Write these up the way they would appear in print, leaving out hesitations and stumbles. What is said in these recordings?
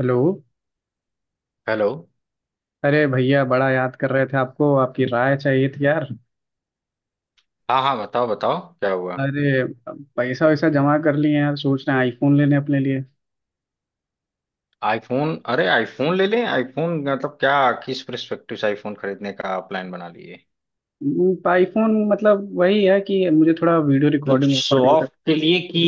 Hello. Hello. अरे भैया, बड़ा याद कर रहे थे आपको। आपकी राय चाहिए थी यार। हाँ हाँ, बताओ बताओ, क्या हुआ? अरे, पैसा वैसा जमा कर लिए हैं यार। सोच रहे हैं आईफोन लेने अपने लिए। आईफोन? अरे आईफोन ले लें? आईफोन मतलब क्या? किस पर्सपेक्टिव से आईफोन खरीदने का प्लान बना लिए? आईफोन मतलब वही है कि मुझे थोड़ा वीडियो मतलब रिकॉर्डिंग शो रिकॉर्डिंग ऑफ के लिए कि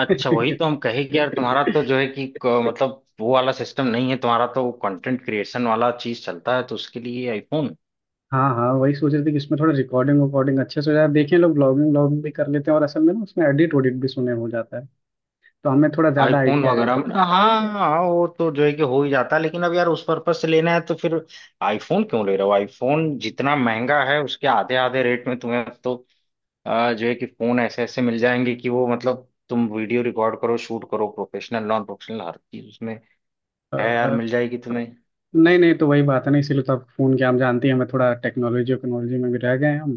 अच्छा? वही कर। तो हम कहे कि यार तुम्हारा तो जो है कि मतलब वो वाला सिस्टम नहीं है, तुम्हारा तो कंटेंट क्रिएशन वाला चीज चलता है तो उसके लिए आईफोन हाँ हाँ, वही सोच रहे थे कि इसमें थोड़ा रिकॉर्डिंग वकॉर्डिंग अच्छे से हो जाए। देखें, लोग ब्लॉगिंग व्लॉगिंग भी कर लेते हैं और असल में ना उसमें एडिट वडिट भी सुने हो जाता है। तो हमें थोड़ा ज़्यादा आईफोन आइडिया वगैरह में। हाँ हाँ, वो तो जो है कि हो ही जाता है, लेकिन अब यार उस पर्पज से लेना है तो फिर आईफोन क्यों ले रहे हो? आईफोन जितना महंगा है उसके आधे आधे रेट में तुम्हें तो जो है कि फोन ऐसे ऐसे मिल जाएंगे कि वो मतलब तुम वीडियो रिकॉर्ड करो, शूट करो, प्रोफेशनल नॉन प्रोफेशनल हर चीज उसमें है यार, है मिल जाएगी तुम्हें। नहीं। नहीं तो वही बात है ना, इसीलिए तो आपको फोन किया। हम जानती हैं हमें थोड़ा टेक्नोलॉजी वक्नोलॉजी में भी रह गए हैं हम।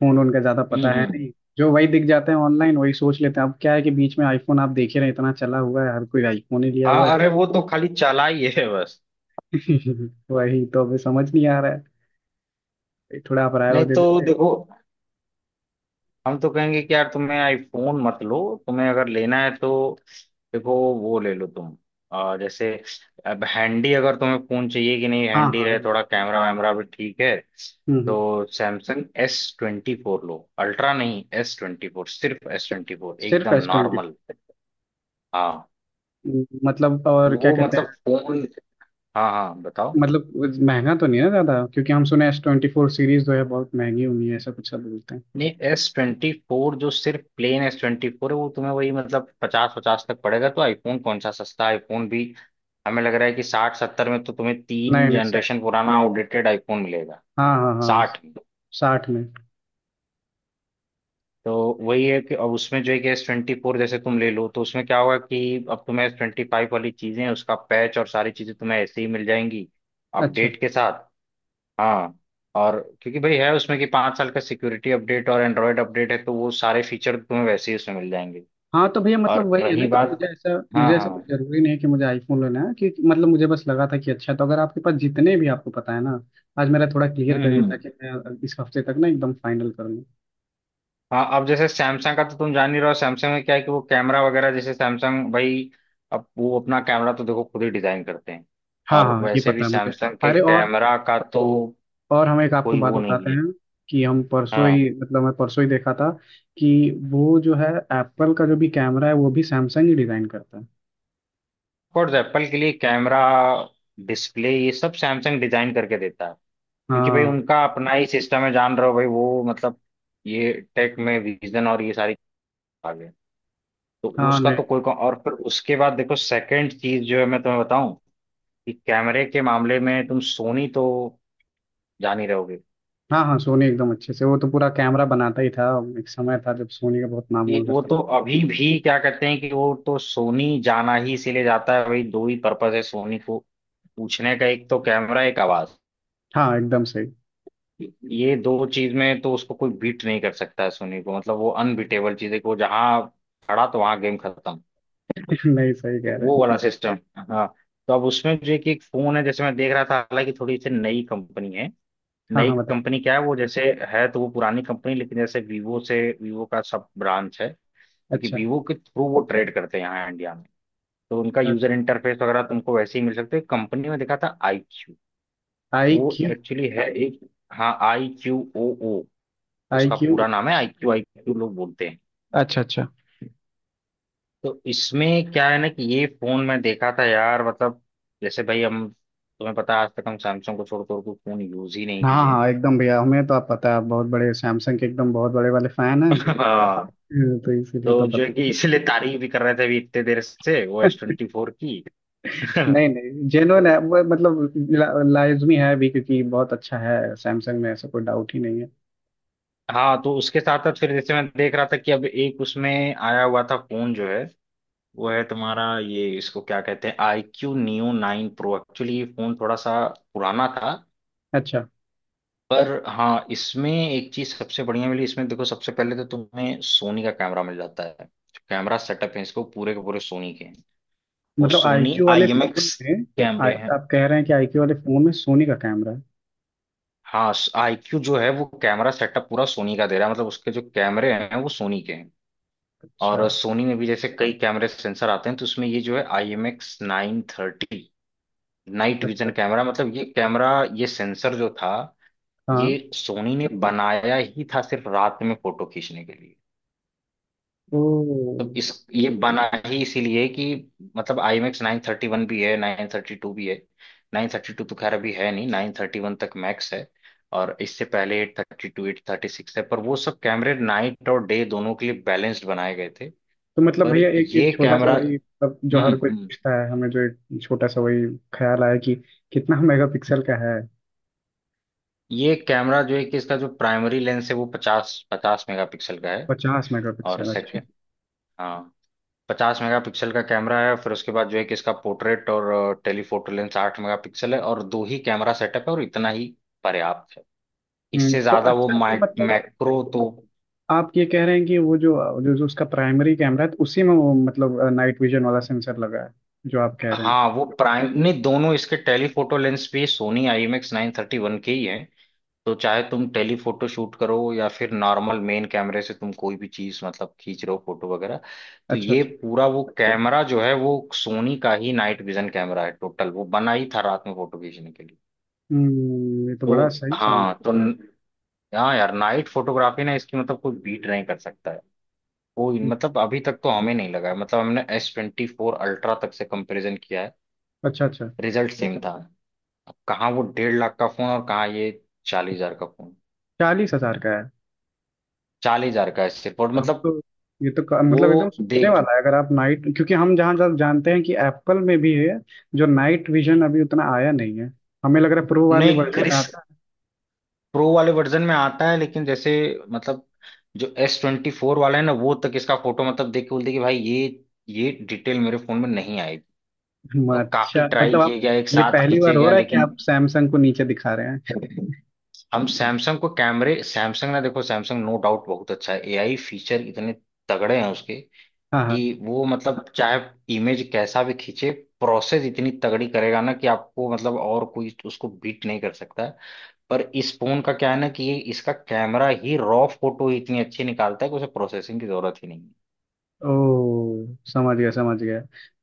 फोन उनका ज्यादा पता है हम्म। नहीं। जो वही दिख जाते हैं ऑनलाइन वही सोच लेते हैं। अब क्या है कि बीच में आईफोन आप देख ही रहे हैं, इतना चला हुआ है, हर कोई आईफोन ही लिया हुआ हाँ है। अरे वो तो खाली चालाई है बस। वही तो अभी समझ नहीं आ रहा है। थोड़ा आप राय और नहीं दे तो देते। देखो, हम तो कहेंगे कि यार तुम्हें आईफोन मत लो। तुम्हें अगर लेना है तो देखो वो ले लो तुम। जैसे अब हैंडी अगर तुम्हें फोन चाहिए, कि नहीं हाँ हैंडी हाँ, रहे, एकदम। थोड़ा कैमरा वैमरा भी ठीक है, हम्म हम्म। तो सैमसंग एस ट्वेंटी फोर लो, अल्ट्रा नहीं, एस ट्वेंटी फोर, सिर्फ एस ट्वेंटी फोर सिर्फ एकदम S20। नॉर्मल। हाँ मतलब, और क्या वो कहते मतलब हैं? फोन। हाँ हाँ बताओ। मतलब महंगा तो नहीं है ज्यादा? क्योंकि हम सुने S24 सीरीज जो है बहुत महंगी हुई है, ऐसा कुछ सब बोलते हैं। नहीं, एस ट्वेंटी फोर जो सिर्फ प्लेन एस ट्वेंटी फोर है वो तुम्हें वही मतलब पचास पचास तक पड़ेगा। तो आईफोन कौन सा सस्ता आईफोन भी? हमें लग रहा है कि साठ सत्तर में तो तुम्हें तीन नहीं नहीं, सही। जनरेशन पुराना आउटडेटेड आईफोन मिलेगा। हाँ हाँ हाँ। साठ में। 60 में? तो वही है कि अब उसमें जो है कि एस ट्वेंटी फोर जैसे तुम ले लो, तो उसमें क्या होगा कि अब तुम्हें एस ट्वेंटी फाइव वाली चीजें, उसका पैच और सारी चीजें तुम्हें ऐसे ही मिल जाएंगी अच्छा। अपडेट के साथ। हाँ, और क्योंकि भाई है उसमें कि 5 साल का सिक्योरिटी अपडेट और एंड्रॉयड अपडेट है तो वो सारे फीचर तुम्हें वैसे ही उसमें मिल जाएंगे। हाँ तो भैया, मतलब और वही है ना रही कि बात। मुझे ऐसा हाँ मुझे ऐसा कुछ हाँ। जरूरी नहीं है कि मुझे आईफोन लेना है। कि मतलब मुझे बस लगा था कि अच्छा, तो अगर आपके पास जितने भी आपको पता है ना, आज मेरा थोड़ा क्लियर करिए हम्म। ताकि मैं इस हफ्ते तक ना एकदम फाइनल कर लूँ। हाँ, अब जैसे सैमसंग का तो तुम जान ही रहो, सैमसंग में क्या है कि वो कैमरा वगैरह, जैसे सैमसंग भाई अब वो अपना कैमरा तो देखो खुद ही डिजाइन करते हैं। हाँ और हाँ, ये वैसे पता भी है मुझे। सैमसंग के अरे, और कैमरा का तो और हम एक आपको कोई बात वो नहीं बताते है। हैं कि हम परसों हाँ, ही, मतलब मैं परसों ही देखा था कि वो जो है, एप्पल का जो भी कैमरा है वो भी सैमसंग ही डिजाइन करता है। ऑफकोर्स एप्पल के लिए कैमरा, डिस्प्ले, ये सब सैमसंग डिजाइन करके देता है। क्योंकि भाई हाँ उनका अपना ही सिस्टम है, जान रहे हो भाई, वो मतलब ये टेक में विजन और ये सारी आगे, तो हाँ। उसका नहीं। तो कोई और फिर उसके बाद देखो सेकंड चीज जो है मैं तुम्हें बताऊं कि कैमरे के मामले में तुम सोनी तो जान ही रहोगे हाँ हाँ, सोनी एकदम अच्छे से, वो तो पूरा कैमरा बनाता ही था। एक समय था जब सोनी का बहुत नाम कि हुआ वो करता। तो अभी भी क्या कहते हैं कि वो तो सोनी जाना ही इसीलिए जाता है भाई, दो ही पर्पज है सोनी को पूछने का, एक तो कैमरा, एक आवाज। हाँ, एकदम सही। ये दो चीज में तो उसको कोई बीट नहीं कर सकता है, सोनी को मतलब वो अनबीटेबल चीज है, कि वो जहां खड़ा तो वहां गेम खत्म। नहीं, सही तो कह रहे हैं। वो वाला सिस्टम। हाँ, तो अब उसमें जो है कि एक फोन है जैसे मैं देख रहा था, हालांकि थोड़ी सी नई कंपनी है, हाँ नई हाँ, बताइए। कंपनी क्या है वो जैसे है तो वो पुरानी कंपनी, लेकिन जैसे वीवो से, वीवो का सब ब्रांच है, क्योंकि अच्छा, वीवो के थ्रू वो ट्रेड करते हैं यहाँ इंडिया में, तो उनका यूजर इंटरफेस वगैरह तुमको वैसे ही मिल सकते हैं। कंपनी में देखा था आई क्यू, आई वो क्यू। एक्चुअली है एक। हाँ आई क्यू ओ ओ, आई उसका क्यू? पूरा नाम है, आई क्यू लोग बोलते हैं। अच्छा अच्छा। तो इसमें क्या है ना कि ये फोन मैं देखा था यार, मतलब जैसे भाई, हम तुम्हें पता है आज तक हम सैमसंग को छोड़ कर कोई फोन यूज ही नहीं हाँ किए हैं। हाँ एकदम भैया, हमें तो, आप पता है आप बहुत बड़े सैमसंग के एकदम बहुत बड़े वाले फैन हैं। हाँ, तो इसीलिए तो तो जो पता है ही। कि इसीलिए तारीफ भी कर रहे थे अभी इतने देर से ओ एस ट्वेंटी फोर की। तो- नहीं नहीं, जेन्युइन है वो। मतलब लाजमी है भी क्योंकि बहुत अच्छा है, सैमसंग में ऐसा कोई डाउट ही नहीं है। हाँ, तो उसके साथ साथ फिर जैसे मैं देख रहा था कि अब एक उसमें आया हुआ था फोन जो है वो है तुम्हारा ये, इसको क्या कहते हैं, I Q Neo nine Pro. Actually ये फोन थोड़ा सा पुराना था। अच्छा, पर हाँ, इसमें एक चीज सबसे बढ़िया मिली, इसमें देखो सबसे पहले तो तुम्हें सोनी का कैमरा मिल जाता है, कैमरा सेटअप है इसको पूरे के पूरे सोनी के हैं, वो मतलब सोनी आईक्यू वाले आई एम फोन एक्स में? कैमरे हैं। आप कह रहे हैं कि आईक्यू वाले फोन में सोनी का कैमरा है? हाँ, आई क्यू जो है वो कैमरा सेटअप पूरा सोनी का दे रहा है, मतलब उसके जो कैमरे हैं वो सोनी के हैं। अच्छा और सोनी में भी जैसे कई कैमरे सेंसर आते हैं, तो उसमें ये जो है I M X nine thirty night अच्छा। विजन अच्छा। कैमरा, मतलब ये कैमरा, ये सेंसर जो था, हाँ। ये सोनी ने बनाया ही था सिर्फ रात में फोटो खींचने के लिए। ओ। तो इस ये बना ही इसीलिए कि मतलब I max nine thirty one भी है, नाइन थर्टी टू भी है। नाइन थर्टी टू तो खैर अभी है नहीं, नाइन थर्टी वन तक मैक्स है। और इससे पहले eight thirty two, eight thirty six है, पर वो सब कैमरे नाइट और डे दोनों के लिए बैलेंस्ड बनाए गए थे। तो मतलब पर भैया, एक एक ये छोटा सा कैमरा। वही, मतलब जो हर कोई हम्म। पूछता है हमें, जो एक छोटा सा वही ख्याल आया कि कितना मेगापिक्सल का है? ये कैमरा जो है कि इसका जो प्राइमरी लेंस है वो 50 मेगापिक्सल का है। पचास और मेगापिक्सल अच्छा। सेकंड। हाँ, 50 मेगापिक्सल का कैमरा है, फिर उसके बाद जो है कि इसका पोर्ट्रेट और टेलीफोटो लेंस 8 मेगापिक्सल है, और दो ही कैमरा सेटअप है और इतना ही पर्याप्त है। इससे तो ज्यादा वो अच्छा, तो माइक मतलब मैक्रो तो। आप ये कह रहे हैं कि वो जो जो, जो उसका प्राइमरी कैमरा है तो उसी में वो, मतलब नाइट विजन वाला सेंसर लगा है, जो आप कह रहे हैं? हाँ, वो प्राइम नहीं, दोनों इसके टेलीफोटो लेंस भी Sony I M X nine thirty one के ही हैं। तो चाहे तुम टेलीफोटो शूट करो या फिर नॉर्मल मेन कैमरे से तुम कोई भी चीज मतलब खींच रहे हो फोटो वगैरह, तो अच्छा ये अच्छा। पूरा वो कैमरा जो है वो सोनी का ही नाइट विजन कैमरा है टोटल, वो बना ही था रात में फोटो खींचने के लिए। ये तो तो बड़ा सही साउंड। हाँ, तो हाँ यार नाइट फोटोग्राफी ना इसकी मतलब कोई बीट नहीं कर सकता है, कोई मतलब अभी तक तो हमें नहीं लगा है। मतलब हमने एस ट्वेंटी फोर अल्ट्रा तक से कंपैरिजन किया है, अच्छा अच्छा। रिजल्ट सेम था। अब कहाँ वो 1.5 लाख का फोन और कहाँ ये 40 हजार का फोन। 40 हजार का है? 40 हजार का है सिर्फ। और अब मतलब तो, वो मतलब एकदम सोचने देख। वाला है, अगर आप नाइट, क्योंकि हम जहाँ जहाँ जानते हैं कि एप्पल में भी है जो नाइट विजन अभी उतना आया नहीं है, हमें लग रहा है प्रो वाले नहीं वर्जन में क्रिस, आता है। प्रो वाले वर्जन में आता है, लेकिन जैसे मतलब जो एस ट्वेंटी फोर वाला है ना, वो तक इसका फोटो मतलब देख के बोलते हैं कि भाई ये डिटेल मेरे फोन में नहीं आई। तो काफी अच्छा ट्राई मतलब आप, किए गया, एक ये साथ पहली बार खींचे हो गया रहा है कि लेकिन। आप सैमसंग को नीचे दिखा रहे हैं? हम सैमसंग को कैमरे, सैमसंग ना देखो, सैमसंग नो डाउट बहुत अच्छा है, एआई फीचर इतने तगड़े हैं उसके हाँ कि हाँ। वो मतलब चाहे इमेज कैसा भी खींचे, प्रोसेस इतनी तगड़ी करेगा ना कि आपको मतलब और कोई उसको बीट नहीं कर सकता है। पर इस फोन का क्या है ना कि ये इसका कैमरा ही रॉ फोटो ही इतनी अच्छी निकालता है कि उसे प्रोसेसिंग की जरूरत ही नहीं है ओ, समझ गया समझ गया।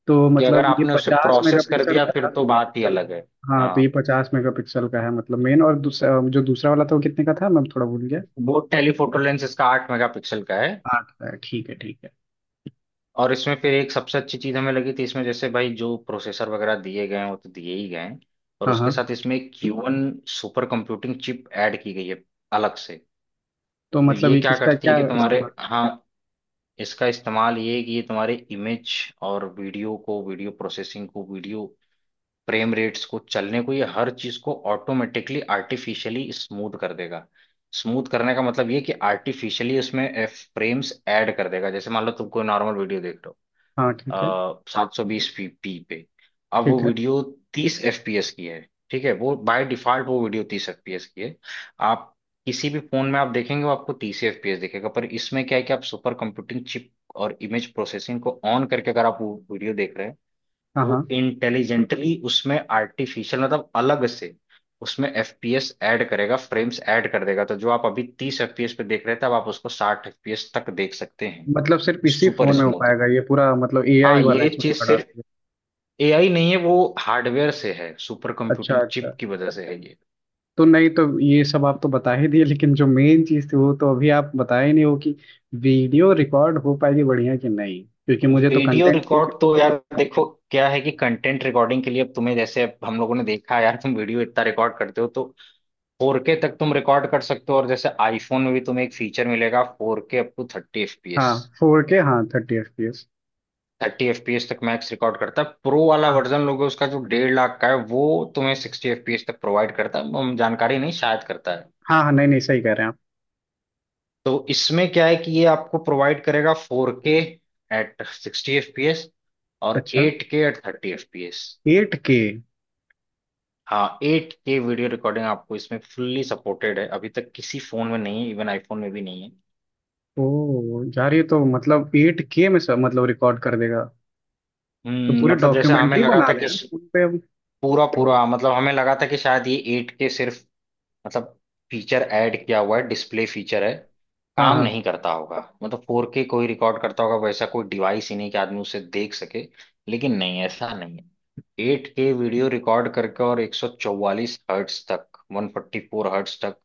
तो कि अगर मतलब ये आपने उसे पचास प्रोसेस कर मेगापिक्सल दिया का फिर था? तो बात ही अलग है। हाँ, तो हाँ, ये पचास मेगापिक्सल का है, मतलब मेन। और दूसरा जो दूसरा वाला था वो कितने का था? मैं थोड़ा भूल गया। वो टेलीफोटो लेंस इसका 8 मेगापिक्सल का है। 8 का है, ठीक है ठीक है। और इसमें फिर एक सबसे अच्छी चीज हमें लगी थी इसमें जैसे भाई जो प्रोसेसर वगैरह दिए गए हैं वो तो दिए ही गए हैं, और हाँ उसके हाँ। साथ इसमें एक Q one super computing chip add की गई है अलग से। तो तो मतलब ये ये क्या किसका करती है क्या कि तुम्हारे, इस्तेमाल? हाँ, इसका इस्तेमाल ये है कि ये तुम्हारे इमेज और वीडियो को, वीडियो प्रोसेसिंग को, वीडियो फ्रेम रेट्स को, चलने को, ये हर चीज को ऑटोमेटिकली आर्टिफिशियली स्मूथ कर देगा। स्मूथ करने का मतलब ये कि आर्टिफिशियली उसमें फ्रेम्स ऐड कर देगा, जैसे मान लो तुम कोई नॉर्मल वीडियो देख रहे हो हाँ, ठीक है 720p पे, अब वो ठीक है। वीडियो 30 FPS की है। ठीक है, वो बाय डिफॉल्ट वो वीडियो तीस एफ पी एस की है। आप किसी भी फोन में आप देखेंगे वो आपको 30 FPS दिखेगा, पर इसमें क्या है कि आप सुपर कंप्यूटिंग चिप और इमेज प्रोसेसिंग को ऑन करके अगर आप वो वीडियो देख रहे हैं, हाँ तो हाँ। वो इंटेलिजेंटली उसमें आर्टिफिशियल मतलब अलग से उसमें एफ पी एस ऐड करेगा, फ्रेम्स ऐड कर देगा, तो जो आप अभी 30 FPS पे देख रहे थे अब आप उसको 60 FPS तक देख सकते हैं, मतलब सिर्फ इसी सुपर फोन में हो स्मूथ। पाएगा ये पूरा, मतलब एआई हाँ, वाला ये इसमें चीज पड़ा सिर्फ है? एआई नहीं है, वो हार्डवेयर से है, सुपर अच्छा कंप्यूटिंग अच्छा। चिप की वजह से है ये। तो नहीं, तो ये सब आप तो बता ही दिए, लेकिन जो मेन चीज़ थी वो तो अभी आप बताए नहीं हो कि वीडियो रिकॉर्ड हो पाएगी बढ़िया कि नहीं? क्योंकि मुझे तो वीडियो कंटेंट। रिकॉर्ड तो यार देखो क्या है कि कंटेंट रिकॉर्डिंग के लिए अब तुम्हें जैसे, अब हम लोगों ने देखा यार तुम वीडियो इतना रिकॉर्ड करते हो, तो 4K तक तुम रिकॉर्ड कर सकते हो, और जैसे आईफोन में भी तुम्हें एक फीचर मिलेगा 4K अप टू 30 हाँ, एफपीएस, 4K, हाँ, 30 FPS। 30 एफपीएस तक मैक्स रिकॉर्ड करता है। प्रो वाला हाँ वर्जन लोगे उसका जो 1.5 लाख का है, वो तुम्हें 60 एफपीएस तक प्रोवाइड करता है, हम जानकारी नहीं शायद करता है। हाँ। हाँ, नहीं नहीं, सही कह रहे हैं आप। तो इसमें क्या है कि ये आपको प्रोवाइड करेगा four K at sixty fps और अच्छा, eight K at thirty fps। 8K। हाँ, एट के वीडियो रिकॉर्डिंग आपको इसमें फुल्ली सपोर्टेड है, अभी तक किसी फोन में नहीं है, इवन आईफोन में भी नहीं है। ओ यार, ये तो मतलब 8K में सब मतलब रिकॉर्ड कर देगा। तो हम्म, पूरी मतलब जैसे हमें डॉक्यूमेंट्री लगा बना था दे कि यार फोन पे अब। पूरा पूरा मतलब हमें लगा था कि शायद ये एट के सिर्फ मतलब फीचर ऐड किया हुआ है, डिस्प्ले फीचर है, हाँ काम हाँ। नहीं करता होगा। मतलब फोर के कोई रिकॉर्ड करता होगा, वैसा कोई डिवाइस ही नहीं कि आदमी उसे देख सके, लेकिन नहीं ऐसा नहीं है। एट के वीडियो रिकॉर्ड करके और 144 Hz तक, 144 Hz तक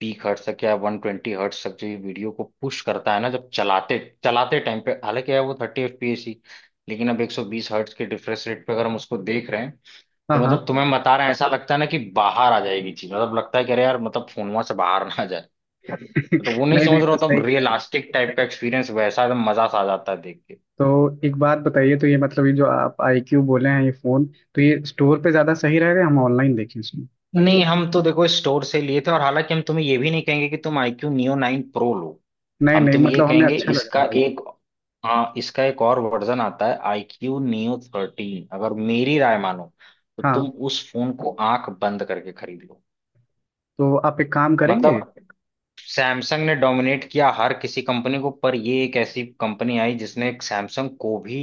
पीक हर्ट्स तक, या 120 Hz तक जो ये वीडियो को पुश करता है ना, जब चलाते चलाते टाइम पे, हालांकि है वो 30 FPS ही, लेकिन अब 120 Hz के रिफ्रेश रेट पे अगर हम उसको देख रहे हैं, हाँ तो मतलब हाँ। तुम्हें बता रहे हैं, ऐसा लगता है ना कि बाहर आ जाएगी चीज, मतलब लगता है कि अरे यार मतलब फोन वहां से बाहर ना आ जाए। तो वो नहीं नहीं नहीं, समझ रहा तो सही होता। कह। रियलिस्टिक टाइप का एक्सपीरियंस वैसा एकदम मजा सा आ जाता है देख के। तो एक बात बताइए, तो ये मतलब, ये जो आप आईक्यू बोले हैं ये फोन, तो ये स्टोर पे ज्यादा सही रहेगा या हम ऑनलाइन देखें इसमें? नहीं, हम तो देखो स्टोर से लिए थे, और हालांकि हम तुम्हें ये भी नहीं कहेंगे कि तुम iQ Neo 9 Pro लो, नहीं हम नहीं, तुम्हें ये मतलब हमें कहेंगे अच्छा लग रहा है इसका भाई। एक, हाँ, इसका एक और वर्जन आता है iQ Neo 13, अगर मेरी राय मानो तो तुम हाँ। उस फोन को आंख बंद करके खरीद लो। तो आप एक काम करेंगे? मतलब सैमसंग ने डोमिनेट किया हर किसी कंपनी को, पर ये एक ऐसी कंपनी आई जिसने एक सैमसंग को भी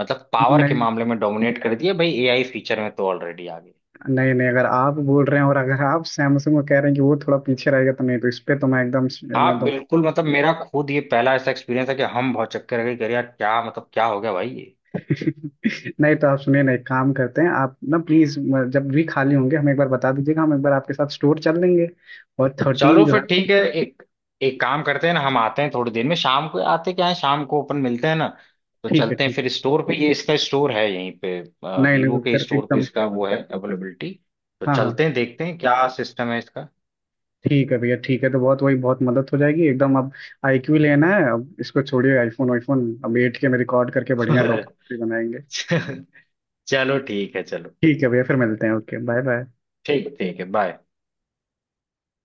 मतलब पावर के मामले नहीं में डोमिनेट कर दिया भाई, एआई फीचर में तो ऑलरेडी आ गई। नहीं। नहीं, अगर आप बोल रहे हैं और अगर आप सैमसंग को कह रहे हैं कि वो थोड़ा पीछे रहेगा, तो नहीं, तो इस पे तो मैं एकदम। हाँ मतलब बिल्कुल, मतलब मेरा खुद ये पहला ऐसा एक्सपीरियंस है कि हम बहुत चक्कर रह गए कि अरे यार क्या मतलब क्या हो गया भाई ये। नहीं, तो आप सुनिए ना, एक काम करते हैं आप ना, प्लीज जब भी खाली होंगे हमें एक बार बता दीजिएगा, हम एक बार आपके साथ स्टोर चल लेंगे। और 13 चलो जो फिर है। ठीक है, एक एक काम करते हैं ना, हम आते हैं थोड़ी देर में, शाम को आते क्या है, शाम को अपन मिलते हैं ना, तो ठीक है चलते हैं ठीक फिर है। स्टोर पे, ये इसका स्टोर है यहीं पे, नहीं नहीं, तो वीवो के फिर स्टोर पे एकदम। इसका वो है अवेलेबिलिटी, तो हाँ चलते हाँ। हैं देखते हैं क्या सिस्टम है इसका। ठीक है भैया, ठीक है। तो बहुत वही, बहुत मदद हो जाएगी एकदम। अब आईक्यू लेना है, अब इसको छोड़िए आईफोन। आईफोन, अब 8K में रिकॉर्ड करके बढ़िया डॉक्यूमेंट्री बनाएंगे। चलो ठीक है चलो। ठीक है भैया, फिर मिलते हैं। Okay, bye bye. ठीक ठीक है, बाय।